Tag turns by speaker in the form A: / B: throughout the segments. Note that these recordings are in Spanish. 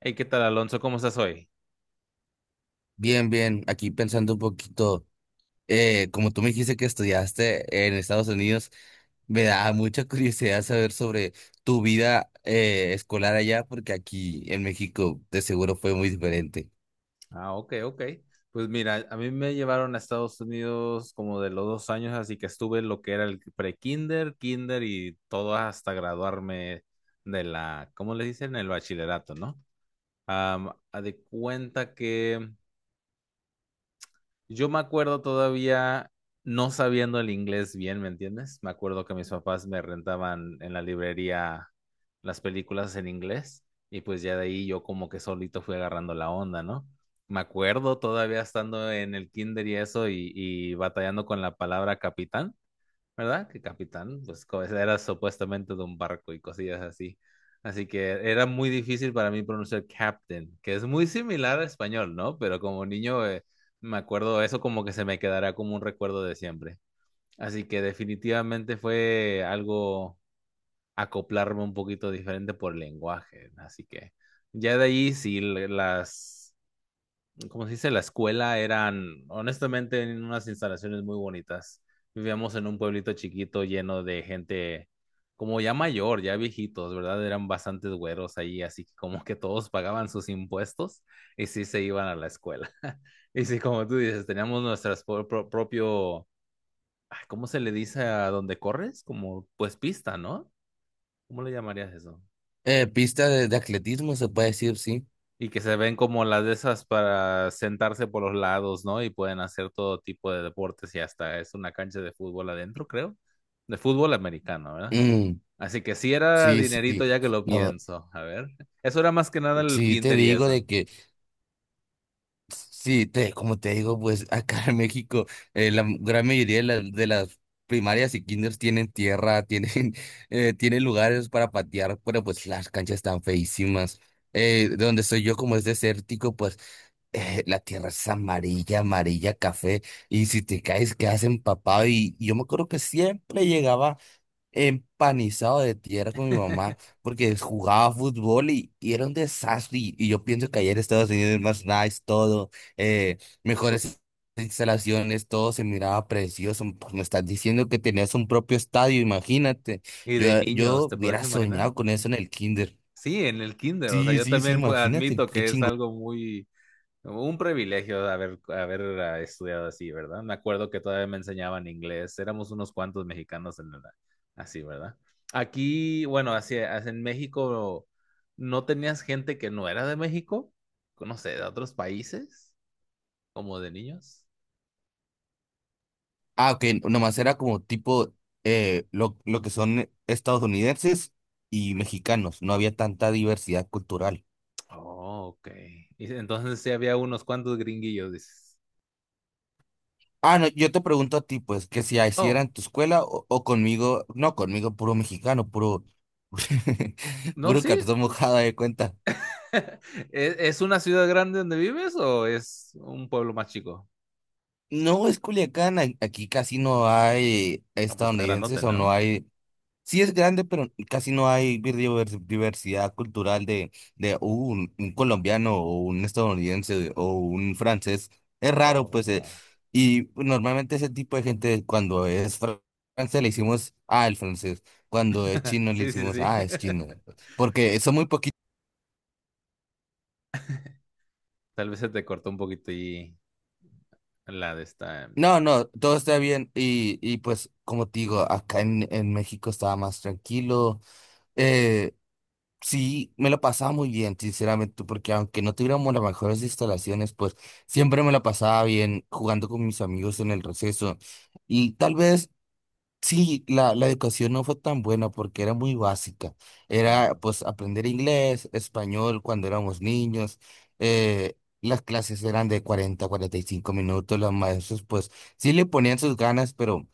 A: Hey, ¿qué tal, Alonso? ¿Cómo estás hoy?
B: Bien, bien, aquí pensando un poquito, como tú me dijiste que estudiaste en Estados Unidos, me da mucha curiosidad saber sobre tu vida escolar allá, porque aquí en México de seguro fue muy diferente.
A: Ah, ok, ok. Pues mira, a mí me llevaron a Estados Unidos como de los 2 años, así que estuve en lo que era el pre-kinder, kinder y todo hasta graduarme de la, ¿cómo le dicen? El bachillerato, ¿no? A de cuenta que yo me acuerdo todavía no sabiendo el inglés bien, ¿me entiendes? Me acuerdo que mis papás me rentaban en la librería las películas en inglés y pues ya de ahí yo como que solito fui agarrando la onda, ¿no? Me acuerdo todavía estando en el kinder y eso y batallando con la palabra capitán. ¿Verdad? Que capitán, pues era supuestamente de un barco y cosillas así. Así que era muy difícil para mí pronunciar captain, que es muy similar al español, ¿no? Pero como niño me acuerdo eso como que se me quedará como un recuerdo de siempre. Así que definitivamente fue algo acoplarme un poquito diferente por lenguaje. Así que ya de ahí sí las, como se dice, la escuela eran, honestamente, en unas instalaciones muy bonitas. Vivíamos en un pueblito chiquito lleno de gente como ya mayor, ya viejitos, ¿verdad? Eran bastantes güeros ahí, así que como que todos pagaban sus impuestos y sí se iban a la escuela. Y sí, como tú dices, teníamos nuestras propio, ah, ¿cómo se le dice a donde corres? Como pues pista, ¿no? ¿Cómo le llamarías eso?
B: Pista de atletismo, se puede decir, sí.
A: Y que se ven como las de esas para sentarse por los lados, ¿no? Y pueden hacer todo tipo de deportes y hasta es una cancha de fútbol adentro, creo. De fútbol americano, ¿verdad?
B: Mm,
A: Así que sí era
B: sí,
A: dinerito
B: sí.
A: ya que lo
B: No,
A: pienso. A ver, eso era más que nada el
B: sí te
A: kinder y
B: digo
A: eso.
B: de que. Sí, te, como te digo, pues acá en México la gran mayoría de las primarias y kinders tienen tierra, tienen, tienen lugares para patear, pero pues las canchas están feísimas. De donde soy yo, como es desértico, pues la tierra es amarilla, amarilla, café, y si te caes quedas empapado. Y yo me acuerdo que siempre llegaba empanizado de tierra con mi mamá porque jugaba fútbol y era un desastre. Y yo pienso que ayer Estados Unidos es más nice, todo, eh,
A: Pu-
B: mejores instalaciones, todo se miraba precioso. Pues me estás diciendo que tenías un propio estadio, imagínate.
A: Y de
B: Yo,
A: niños,
B: yo
A: ¿te puedes
B: hubiera
A: imaginar?
B: soñado con eso en el kinder.
A: Sí, en el kinder, o sea,
B: Sí,
A: yo
B: sí, sí,
A: también pues,
B: imagínate,
A: admito
B: qué
A: que es
B: chingo.
A: algo muy un privilegio de haber estudiado así, ¿verdad? Me acuerdo que todavía me enseñaban inglés. Éramos unos cuantos mexicanos en la, así, ¿verdad? Aquí, bueno, así, así en México, ¿no tenías gente que no era de México? No sé, de otros países, como de niños.
B: Ah, ok, nomás era como tipo lo que son estadounidenses y mexicanos, no había tanta diversidad cultural.
A: Oh, ok. Y entonces sí había unos cuantos gringuillos, dices.
B: Ah, no, yo te pregunto a ti, pues, que si así
A: Oh,
B: era en tu escuela o conmigo, no, conmigo puro mexicano, puro,
A: no,
B: puro
A: sí.
B: cartón mojado de cuenta.
A: Es una ciudad grande donde vives o es un pueblo más chico?
B: No, es Culiacán, aquí casi no hay
A: No, pues está grandote,
B: estadounidenses o no
A: ¿no?
B: hay. Sí es grande, pero casi no hay diversidad cultural de un colombiano o un estadounidense o un francés. Es raro, pues,
A: Oh.
B: y normalmente ese tipo de gente cuando es francés le hicimos, ah, el francés. Cuando es chino le
A: Sí, sí,
B: hicimos,
A: sí.
B: ah, es chino. Porque son muy poquitos.
A: Tal vez se te cortó un poquito y la de esta.
B: No, no, todo está bien. Y pues, como te digo, acá en México estaba más tranquilo. eh, Sí, me lo pasaba muy bien, sinceramente, porque aunque no tuviéramos las mejores instalaciones, pues siempre me la pasaba bien jugando con mis amigos en el receso. Y tal vez sí, la educación no fue tan buena porque era muy básica. Era
A: Mm.
B: pues aprender inglés, español cuando éramos niños. Las clases eran de 40 45 minutos. Los maestros pues sí le ponían sus ganas, pero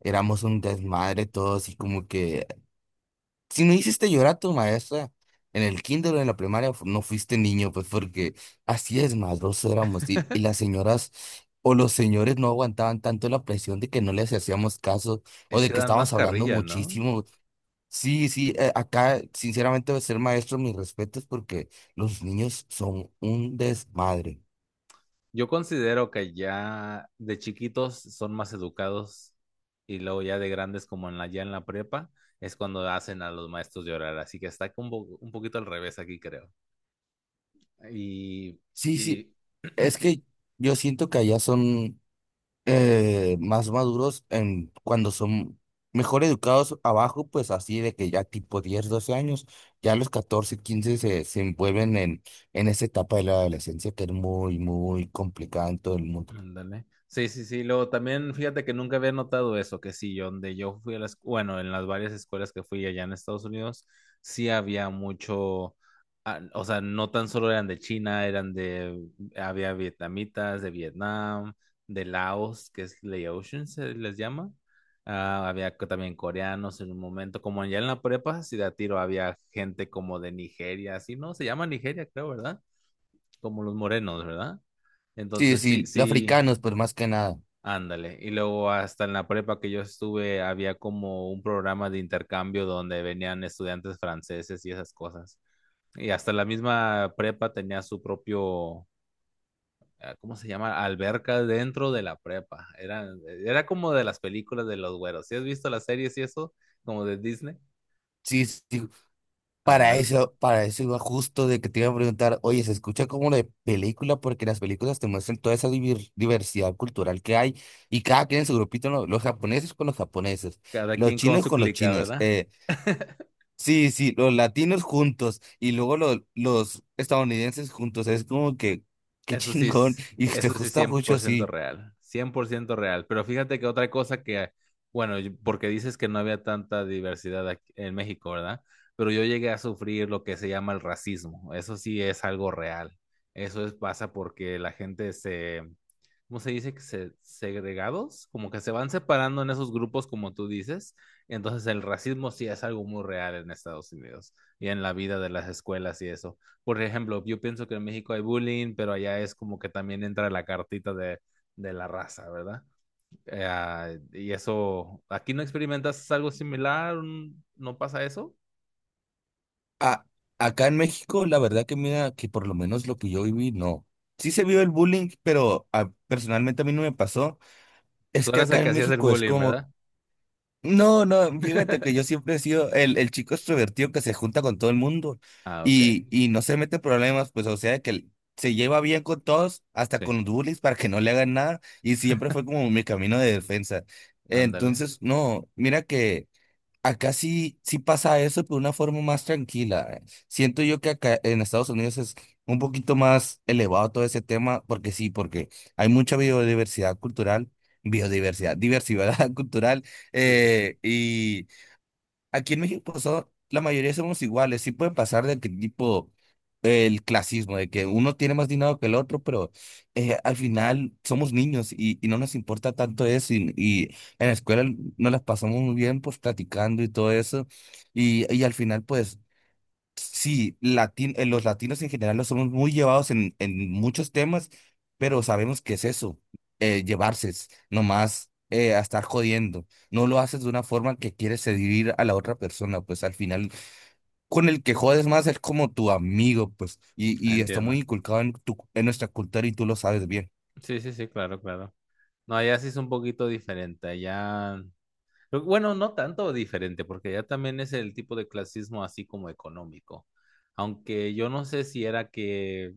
B: éramos un desmadre todos y como que si no hiciste llorar a tu maestra en el kinder o en la primaria, no fuiste niño, pues porque así es, maldoso éramos. Y las señoras o los señores no aguantaban tanto la presión de que no les hacíamos caso o
A: Es
B: de
A: que
B: que
A: dan más
B: estábamos hablando
A: carrilla, ¿no?
B: muchísimo. Sí, sí, acá sinceramente ser maestro, mis respetos, porque los niños son un desmadre.
A: Yo considero que ya de chiquitos son más educados y luego ya de grandes como en la, ya en la prepa es cuando hacen a los maestros llorar. Así que está un, un poquito al revés aquí, creo. Y,
B: Sí, sí,
A: y
B: es que yo siento que allá son… más maduros en cuando son mejor educados abajo, pues así de que ya tipo 10 12 años, ya a los 14 15 se envuelven en esa etapa de la adolescencia que es muy, muy complicada en todo el mundo.
A: ándale. Sí, sí, sí. Luego también, fíjate que nunca había notado eso, que sí, yo donde yo fui a las, bueno, en las varias escuelas que fui allá en Estados Unidos, sí había mucho, o sea, no tan solo eran de China, eran de, había vietnamitas, de Vietnam, de Laos, que es Laotian, se les llama. Ah, había también coreanos en un momento, como allá en la prepa, sí de a tiro había gente como de Nigeria, así, ¿no? Se llama Nigeria, creo, ¿verdad? Como los morenos, ¿verdad?
B: Sí,
A: Entonces, sí,
B: sí, los
A: sí.
B: africanos, pues más que nada.
A: Ándale, y luego hasta en la prepa que yo estuve había como un programa de intercambio donde venían estudiantes franceses y esas cosas. Y hasta la misma prepa tenía su propio, ¿cómo se llama? Alberca dentro de la prepa. Era, era como de las películas de los güeros. ¿Sí has visto las series y eso? Como de Disney.
B: Sí, sí, para
A: Ándale,
B: eso, para eso iba justo de que te iba a preguntar, oye, se escucha como de película porque las películas te muestran toda esa diversidad cultural que hay y cada quien en su grupito, ¿no? Los japoneses con los japoneses,
A: cada
B: los
A: quien con
B: chinos
A: su
B: con los
A: clica,
B: chinos,
A: ¿verdad?
B: sí, sí, los latinos juntos y luego los estadounidenses juntos, es como que, qué
A: Eso sí
B: chingón
A: es,
B: y te
A: eso sí
B: gusta
A: cien
B: mucho
A: por ciento
B: así.
A: real, 100% real. Pero fíjate que otra cosa que, bueno, yo, porque dices que no había tanta diversidad aquí en México, ¿verdad? Pero yo llegué a sufrir lo que se llama el racismo. Eso sí es algo real. Eso es, pasa porque la gente se, ¿cómo se dice? Que se, segregados, como que se van separando en esos grupos, como tú dices. Entonces el racismo sí es algo muy real en Estados Unidos y en la vida de las escuelas y eso. Por ejemplo, yo pienso que en México hay bullying, pero allá es como que también entra la cartita de la raza, ¿verdad? Y eso, ¿aquí no experimentas algo similar? ¿No pasa eso?
B: A- Acá en México, la verdad que mira, que por lo menos lo que yo viví, no. Sí se vio el bullying, pero personalmente a mí no me pasó.
A: Tú
B: Es que
A: eras el
B: acá
A: que
B: en
A: hacías el
B: México es
A: bullying,
B: como,
A: ¿verdad?
B: no, no, fíjate que yo siempre he sido el chico extrovertido que se junta con todo el mundo
A: Ah, ok.
B: y no se mete en problemas, pues o sea que se lleva bien con todos, hasta
A: Sí,
B: con los bullies para que no le hagan nada y siempre fue como mi camino de defensa.
A: ándale.
B: Entonces, no, mira que… Acá sí, sí pasa eso, pero de una forma más tranquila. Siento yo que acá en Estados Unidos es un poquito más elevado todo ese tema, porque sí, porque hay mucha biodiversidad cultural, biodiversidad, diversidad cultural,
A: Sí, sí, sí.
B: y aquí en México la mayoría somos iguales, sí puede pasar de que tipo el clasismo, de que uno tiene más dinero que el otro, pero al final somos niños y no nos importa tanto eso. Y en la escuela nos las pasamos muy bien, pues platicando y todo eso. Y al final, pues sí, los latinos en general nos somos muy llevados en muchos temas, pero sabemos que es eso, llevarse, es nomás. A estar jodiendo, no lo haces de una forma que quieres seducir a la otra persona, pues al final con el que jodes más es como tu amigo, pues, y,
A: Ah,
B: y está muy
A: entiendo.
B: inculcado en nuestra cultura y tú lo sabes bien.
A: Sí, sí, sí, claro, claro. No, allá sí es un poquito diferente. Allá, pero bueno, no tanto diferente, porque allá también es el tipo de clasismo así como económico. Aunque yo no sé si era que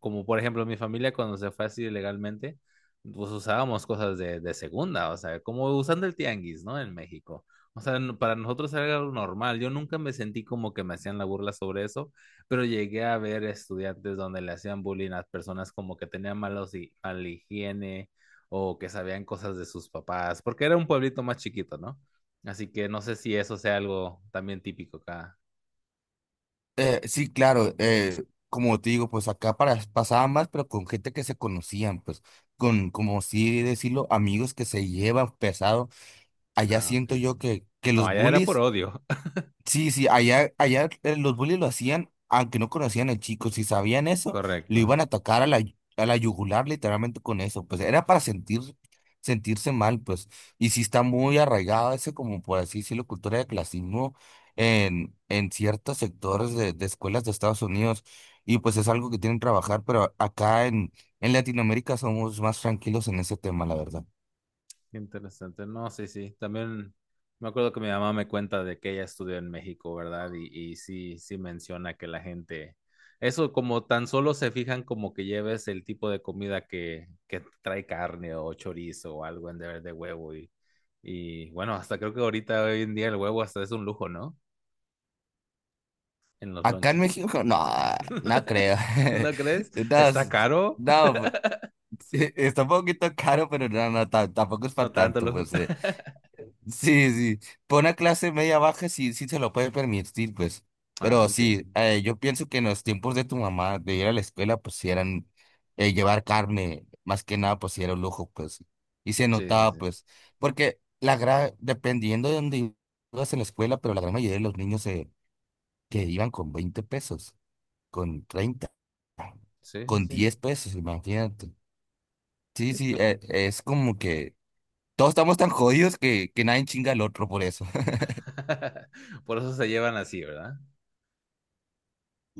A: como por ejemplo mi familia cuando se fue así ilegalmente, pues usábamos cosas de segunda, o sea, como usando el tianguis, ¿no? En México. O sea, para nosotros era algo normal. Yo nunca me sentí como que me hacían la burla sobre eso, pero llegué a ver estudiantes donde le hacían bullying a personas como que tenían malos mala higiene o que sabían cosas de sus papás, porque era un pueblito más chiquito, ¿no? Así que no sé si eso sea algo también típico acá.
B: Sí, claro, como te digo, pues acá pasaba más, pero con gente que se conocían, pues, como sí decirlo, amigos que se llevan pesado. Allá
A: Ah, ok.
B: siento yo que
A: No,
B: los
A: allá era por
B: bullies…
A: odio.
B: Sí, sí, allá, allá los bullies lo hacían, aunque no conocían al chico, si sabían eso, lo
A: Correcto.
B: iban a atacar a la, yugular literalmente con eso, pues era para sentir, sentirse mal, pues, y sí está muy arraigado ese, como por así decirlo, cultura de clasismo en ciertos sectores de escuelas de Estados Unidos, y pues es algo que tienen que trabajar, pero acá en Latinoamérica somos más tranquilos en ese tema, la verdad.
A: Qué interesante. No, sí, sí. También me acuerdo que mi mamá me cuenta de que ella estudió en México, ¿verdad? Y sí, sí menciona que la gente, eso como tan solo se fijan como que lleves el tipo de comida que trae carne o chorizo o algo en de huevo. Y bueno, hasta creo que ahorita hoy en día el huevo hasta es un lujo, ¿no? En los
B: Acá en
A: lonches.
B: México, no, no creo.
A: ¿No crees?
B: No,
A: ¿Está
B: s-
A: caro?
B: no, sí, está un poquito caro, pero no, no, tampoco es
A: No
B: para
A: tanto
B: tanto,
A: lujo.
B: pues. Sí, sí, por una clase media baja sí, sí se lo puede permitir, pues.
A: Ah,
B: Pero sí,
A: entiendo.
B: yo pienso que en los tiempos de tu mamá, de ir a la escuela, pues sí eran llevar carne, más que nada, pues sí era un lujo, pues. Y se
A: Sí, sí,
B: notaba,
A: sí.
B: pues, porque la gran, dependiendo de dónde ibas en la escuela, pero la gran mayoría de los niños que iban con 20 pesos, con 30
A: Sí, sí,
B: con
A: sí.
B: 10 pesos, imagínate. Sí,
A: Sí,
B: sí,
A: pues.
B: es como que todos estamos tan jodidos que nadie chinga al otro por eso.
A: Por eso se llevan así, ¿verdad?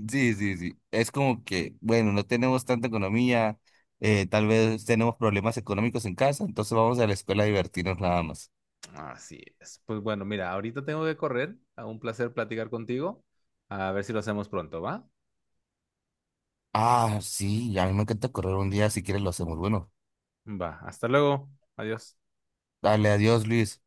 B: Sí, sí, sí. Es como que, bueno, no tenemos tanta economía, tal vez tenemos problemas económicos en casa, entonces vamos a la escuela a divertirnos nada más.
A: Así es. Pues bueno, mira, ahorita tengo que correr. A un placer platicar contigo. A ver si lo hacemos pronto, ¿va?
B: Ah, sí, a mí me encanta correr un día, si quieres lo hacemos. Bueno,
A: Va. Hasta luego. Adiós.
B: dale, adiós, Luis.